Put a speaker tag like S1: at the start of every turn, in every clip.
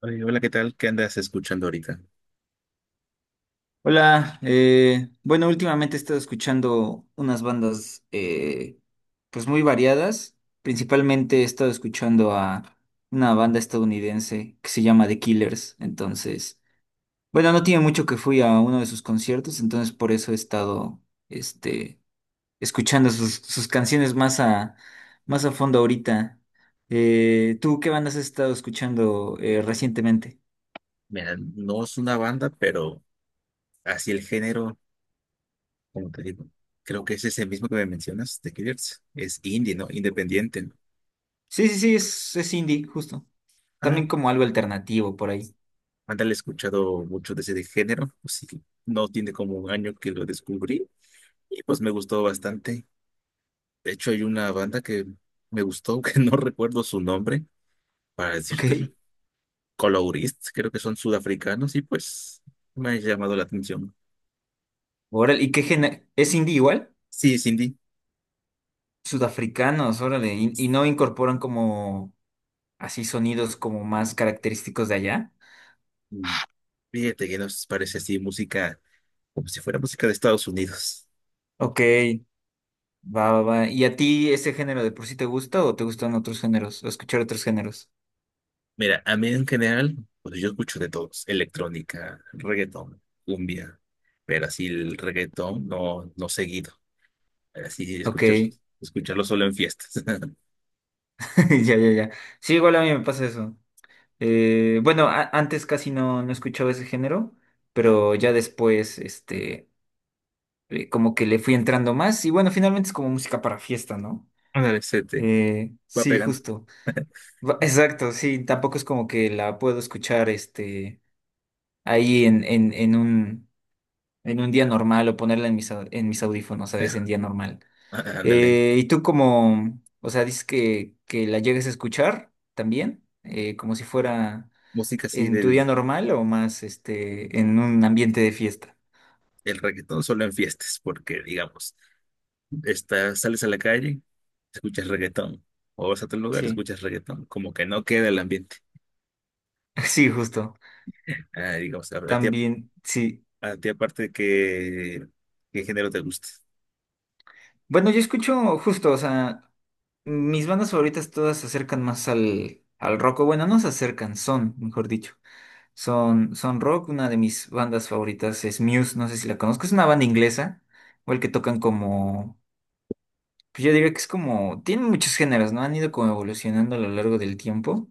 S1: Oye, hola, ¿qué tal? ¿Qué andas escuchando ahorita?
S2: Hola, bueno, últimamente he estado escuchando unas bandas pues muy variadas. Principalmente he estado escuchando a una banda estadounidense que se llama The Killers. Entonces, bueno, no tiene mucho que fui a uno de sus conciertos, entonces por eso he estado este, escuchando sus canciones más a fondo ahorita. ¿Tú qué bandas has estado escuchando recientemente?
S1: Mira, no es una banda, pero así el género, como te digo, creo que es ese mismo que me mencionas, The Killers. Es indie, ¿no? Independiente. ¿No?
S2: Sí, sí, sí, es indie, justo. También
S1: Ah,
S2: como algo alternativo por ahí.
S1: ándale, he escuchado mucho de ese de género, pues sí, no tiene como un año que lo descubrí y pues me gustó bastante. De hecho, hay una banda que me gustó, que no recuerdo su nombre, para decírtelo.
S2: Ok.
S1: Colorist, creo que son sudafricanos y pues me ha llamado la atención.
S2: Órale, ¿Es indie igual?
S1: Sí, es indie.
S2: Sudafricanos, órale. ¿Y no incorporan como así sonidos como más característicos de allá?
S1: Fíjate que nos parece así música, como si fuera música de Estados Unidos.
S2: Ok, va, va, va. ¿Y a ti ese género de por sí te gusta o te gustan otros géneros? ¿O escuchar otros géneros?
S1: Mira, a mí en general, pues yo escucho de todos, electrónica, reggaetón, cumbia, pero así el reggaetón no, no seguido, así
S2: Ok,
S1: escuchar, escucharlo solo en fiestas.
S2: ya, ya, ya. Sí, igual a mí me pasa eso. Bueno, antes casi no escuchaba ese género, pero ya después, como que le fui entrando más. Y bueno, finalmente es como música para fiesta, ¿no?
S1: Ándale, se te va
S2: Sí,
S1: pegando.
S2: justo. Exacto, sí, tampoco es como que la puedo escuchar ahí en un día normal o ponerla en mis audífonos, ¿sabes?
S1: Ya,
S2: En día normal.
S1: ándale,
S2: ¿Y tú como, o sea, dices que la llegues a escuchar también, como si fuera
S1: música así
S2: en tu
S1: del
S2: día normal o más en un ambiente de fiesta?
S1: el reggaetón solo en fiestas, porque digamos, estás, sales a la calle, escuchas reggaetón, o vas a otro lugar,
S2: Sí,
S1: escuchas reggaetón, como que no queda el ambiente.
S2: sí, justo.
S1: Ah, digamos, a ti
S2: También, sí.
S1: a ti aparte de que, ¿qué género te gusta?
S2: Bueno, yo escucho justo, o sea, mis bandas favoritas todas se acercan más al rock, o bueno, no se acercan, son, mejor dicho, son rock. Una de mis bandas favoritas es Muse, no sé si la conozco, es una banda inglesa, igual que tocan como, pues yo diría que es como, tienen muchos géneros, ¿no? Han ido como evolucionando a lo largo del tiempo.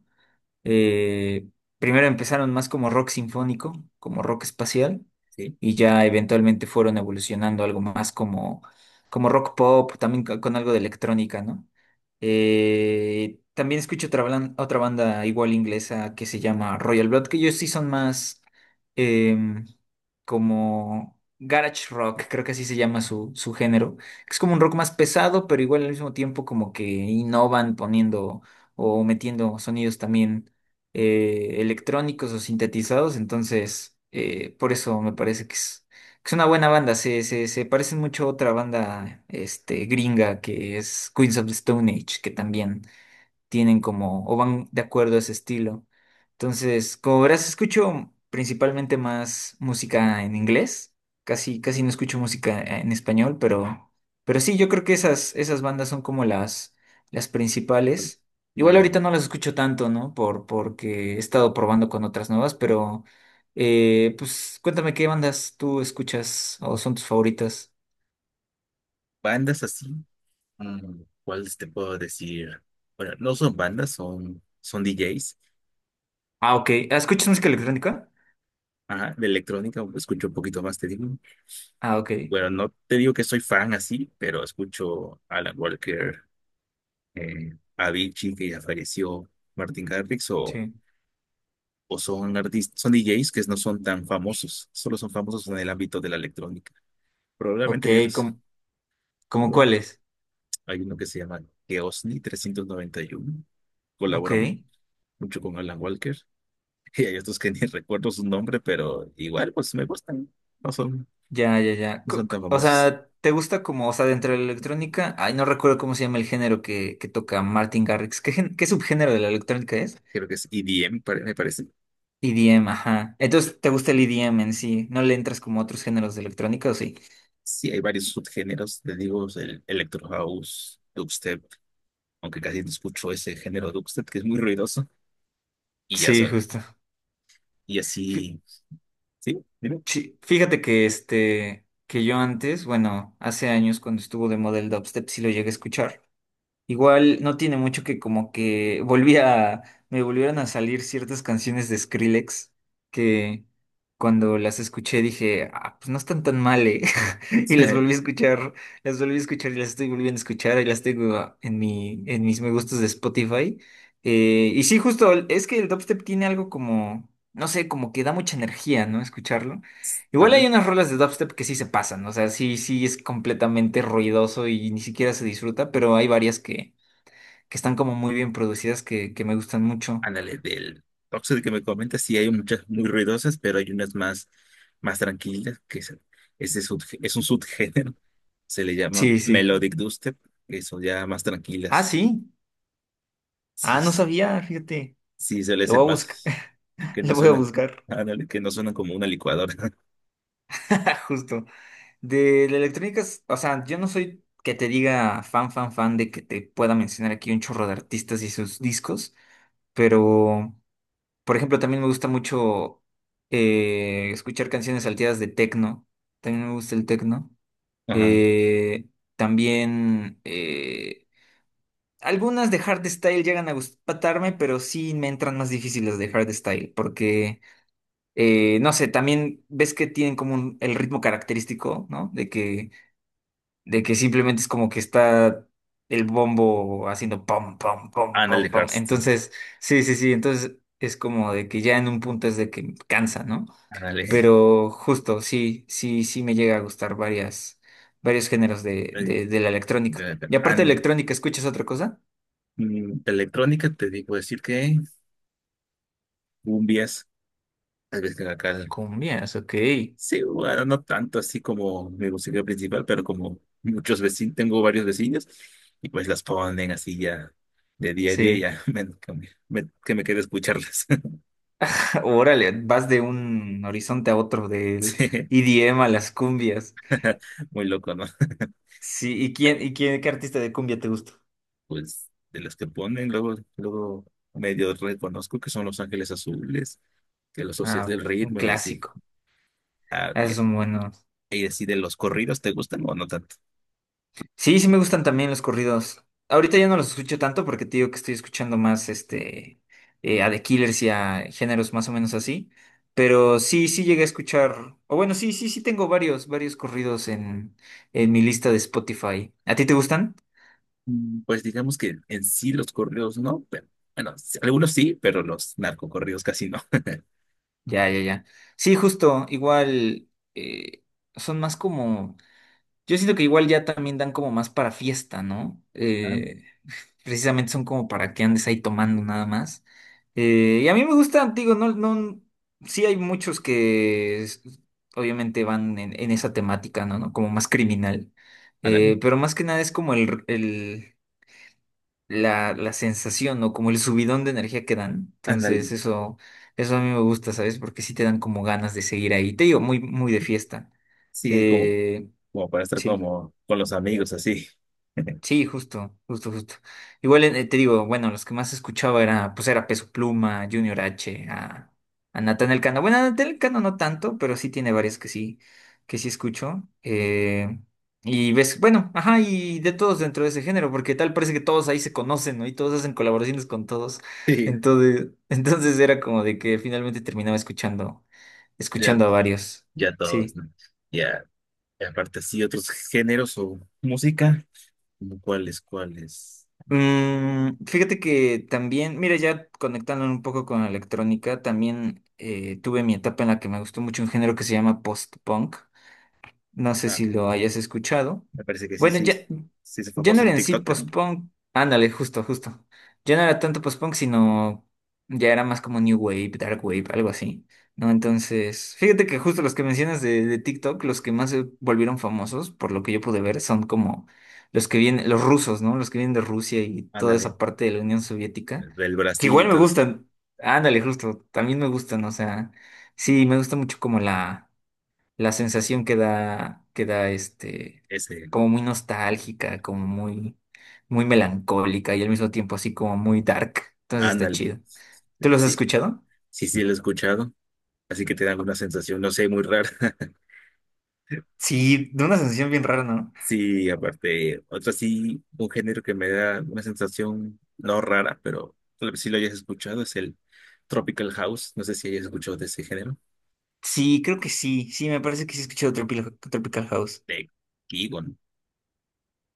S2: Eh, primero empezaron más como rock sinfónico, como rock espacial,
S1: Sí.
S2: y ya eventualmente fueron evolucionando algo más como rock pop, también con algo de electrónica, ¿no? También escucho otra banda igual inglesa que se llama Royal Blood, que ellos sí son más em, como garage rock, creo que así se llama su género. Es como un rock más pesado, pero igual al mismo tiempo como que innovan poniendo o metiendo sonidos también electrónicos o sintetizados, entonces por eso me parece que es una buena banda, se parecen mucho a otra banda gringa que es Queens of the Stone Age, que también tienen como, o van de acuerdo a ese estilo. Entonces, como verás, escucho principalmente más música en inglés. Casi, casi no escucho música en español, pero sí, yo creo que esas bandas son como las principales. Igual
S1: Vale.
S2: ahorita no las escucho tanto, ¿no? Porque he estado probando con otras nuevas, pero pues cuéntame qué bandas tú escuchas o son tus favoritas.
S1: Bandas así, mm, ¿cuáles te puedo decir? Bueno, no son bandas, son DJs.
S2: Ah, ok. ¿Ah? ¿Escuchas música electrónica?
S1: Ajá, de electrónica escucho un poquito más, te digo.
S2: Ah, ok.
S1: Bueno, no te digo que soy fan así, pero escucho Alan Walker, Avicii, que ya falleció, Martin Garrix,
S2: Sí.
S1: o son artistas, son DJs que no son tan famosos, solo son famosos en el ámbito de la electrónica.
S2: Ok,
S1: Probablemente ya
S2: ¿cómo, cómo
S1: los,
S2: cuáles?
S1: hay uno que se llama Geosni 391.
S2: Ok,
S1: Colabora mucho con Alan Walker. Y hay otros que ni recuerdo su nombre, pero igual pues me gustan. No son,
S2: ya, ya, ya.
S1: no son tan
S2: O
S1: famosos.
S2: sea, ¿te gusta como, o sea, dentro de la electrónica? Ay, no recuerdo cómo se llama el género que toca Martin Garrix. ¿Qué subgénero de la electrónica es?
S1: Creo que es EDM, me parece.
S2: EDM, ajá. Entonces, ¿te gusta el EDM en sí? ¿No le entras como a otros géneros de electrónica o sí?
S1: Sí, hay varios subgéneros, te digo, el Electro House, Dubstep, aunque casi no escucho ese género Dubstep, que es muy ruidoso. Y ya
S2: Sí,
S1: solo.
S2: justo.
S1: Y
S2: Fí-
S1: así, sí, dime.
S2: sí, Fíjate que yo antes, bueno, hace años cuando estuvo de model dubstep sí lo llegué a escuchar. Igual no tiene mucho que como que me volvieron a salir ciertas canciones de Skrillex que cuando las escuché dije, ah, pues no están tan mal". Y las volví a escuchar y las estoy volviendo a escuchar y las tengo en en mis me gustos de Spotify. Y sí, justo, es que el dubstep tiene algo como, no sé, como que da mucha energía, ¿no? Escucharlo. Igual hay
S1: Ándale.
S2: unas rolas de dubstep que sí se pasan, o sea, sí es completamente ruidoso y ni siquiera se disfruta, pero hay varias que están como muy bien producidas, que me gustan mucho.
S1: Ándale, del Oxxo que me comentas, sí hay muchas muy ruidosas, pero hay unas más, más tranquilas, que es, es un subgénero, se le llama
S2: Sí, sí.
S1: Melodic Dubstep, que son ya más
S2: Ah,
S1: tranquilas.
S2: sí.
S1: Sí,
S2: Ah, no sabía, fíjate.
S1: sí suele
S2: Lo voy
S1: ser
S2: a buscar.
S1: más, que
S2: Lo
S1: no
S2: voy a
S1: suenan,
S2: buscar.
S1: ándale, que no suenan como una licuadora.
S2: Justo. De la electrónica, o sea, yo no soy que te diga fan, fan, fan de que te pueda mencionar aquí un chorro de artistas y sus discos, pero, por ejemplo, también me gusta mucho escuchar canciones salteadas de techno. También me gusta el techno.
S1: Ajá.
S2: Eh, también algunas de hardstyle llegan a gustarme, pero sí me entran más difíciles de hardstyle, porque, no sé, también ves que tienen como el ritmo característico, ¿no? De que simplemente es como que está el bombo haciendo pom, pom, pom,
S1: Ándale,
S2: pom, pom.
S1: Hearthstone,
S2: Entonces, sí, sí, sí, entonces es como de que ya en un punto es de que cansa, ¿no?
S1: ándale.
S2: Pero justo, sí, sí, sí me llega a gustar varios géneros
S1: Eh,
S2: de la electrónica. Y
S1: Pero,
S2: aparte de electrónica, ¿escuchas otra cosa?
S1: mm, de electrónica te digo decir que cumbias, tal vez que acá
S2: Cumbias, ok.
S1: sí, bueno, no tanto así como mi música principal, pero como muchos vecinos, tengo varios vecinos y pues las ponen así ya de día a día,
S2: Sí.
S1: ya me, que me quede escucharlas.
S2: Órale, vas de un horizonte a otro, del
S1: Sí,
S2: IDM a las cumbias.
S1: muy loco, ¿no?
S2: Sí, qué artista de cumbia te gusta?
S1: Pues de las que ponen, luego, luego medio reconozco que son Los Ángeles Azules, que los asocias
S2: Ah,
S1: del
S2: un
S1: ritmo y así.
S2: clásico.
S1: Ah,
S2: Ah, esos
S1: bien.
S2: son buenos.
S1: Y así de los corridos, ¿te gustan o no tanto?
S2: Sí, sí me gustan también los corridos. Ahorita ya no los escucho tanto porque te digo que estoy escuchando más a The Killers y a géneros más o menos así. Pero sí llegué a escuchar. O bueno, sí, sí, sí tengo varios, varios corridos en mi lista de Spotify. ¿A ti te gustan?
S1: Mm, pues digamos que en sí los corridos no, pero bueno, sí, algunos sí, pero los narcocorridos casi no.
S2: Ya, ya, ya. Sí, justo, igual eh, son más como. Yo siento que igual ya también dan como más para fiesta, ¿no?
S1: Ah,
S2: Precisamente son como para que andes ahí tomando nada más. Y a mí me gustan, digo, no, no. Sí hay muchos obviamente van en esa temática, ¿no? ¿no? Como más criminal.
S1: ándale,
S2: Pero más que nada es como el la sensación o como el subidón de energía que dan.
S1: ándale.
S2: Entonces, eso a mí me gusta, ¿sabes? Porque sí te dan como ganas de seguir ahí. Te digo, muy, muy de fiesta.
S1: Sí, es como,
S2: Eh,
S1: como para estar
S2: sí.
S1: como con los amigos así.
S2: Sí, justo, justo, justo. Igual te digo, bueno, los que más escuchaba era Peso Pluma, Junior H, a Natán Elcano. Bueno, a Natán Elcano no tanto, pero sí tiene varias que sí escucho. Y ves, bueno, ajá, y de todos dentro de ese género, porque tal parece que todos ahí se conocen, ¿no? Y todos hacen colaboraciones con todos.
S1: Sí,
S2: Entonces, entonces era como de que finalmente terminaba
S1: ya,
S2: escuchando a varios.
S1: ya todos,
S2: Sí.
S1: ¿no? Ya, y aparte sí, otros géneros o música, como cuáles, cuáles.
S2: Mm, fíjate que también, mira, ya conectándolo un poco con la electrónica, también tuve mi etapa en la que me gustó mucho un género que se llama post-punk. No sé
S1: Ah,
S2: si lo hayas escuchado.
S1: me parece que sí,
S2: Bueno,
S1: sí,
S2: ya,
S1: sí es
S2: ya no
S1: famoso
S2: era
S1: en
S2: en sí
S1: TikTok, ¿no?
S2: post-punk. Ándale, justo, justo. Ya no era tanto post-punk, sino ya era más como New Wave, Dark Wave, algo así. ¿No? Entonces, fíjate que justo los que mencionas de TikTok, los que más se volvieron famosos, por lo que yo pude ver, son como los que vienen, los rusos, ¿no? Los que vienen de Rusia y toda
S1: Ándale,
S2: esa parte de la Unión Soviética,
S1: del
S2: que
S1: Brasil y
S2: igual me
S1: todo eso,
S2: gustan. Ándale, justo, también me gustan, o sea, sí, me gusta mucho como la sensación que da
S1: ese,
S2: como muy nostálgica, como muy, muy melancólica y al mismo tiempo así como muy dark. Entonces está
S1: ándale.
S2: chido. ¿Tú los has
S1: Sí,
S2: escuchado?
S1: sí, sí lo he escuchado, así que te da alguna sensación, no sé, muy rara.
S2: Sí, de una sensación bien rara, ¿no?
S1: Sí, aparte, otro sí, un género que me da una sensación no rara, pero tal vez sí lo hayas escuchado, es el Tropical House. No sé si hayas escuchado de ese género.
S2: Sí, creo que sí. Sí, me parece que sí he escuchado Tropical, Tropical House.
S1: De Gibbon.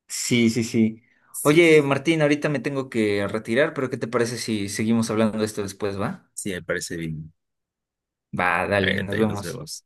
S2: Sí, sí, sí.
S1: Sí,
S2: Oye, Martín, ahorita me tengo que retirar, pero ¿qué te parece si seguimos hablando de esto después, va?
S1: sí, me parece bien.
S2: Va,
S1: Ahí
S2: dale, nos
S1: ahí nos
S2: vemos.
S1: vemos.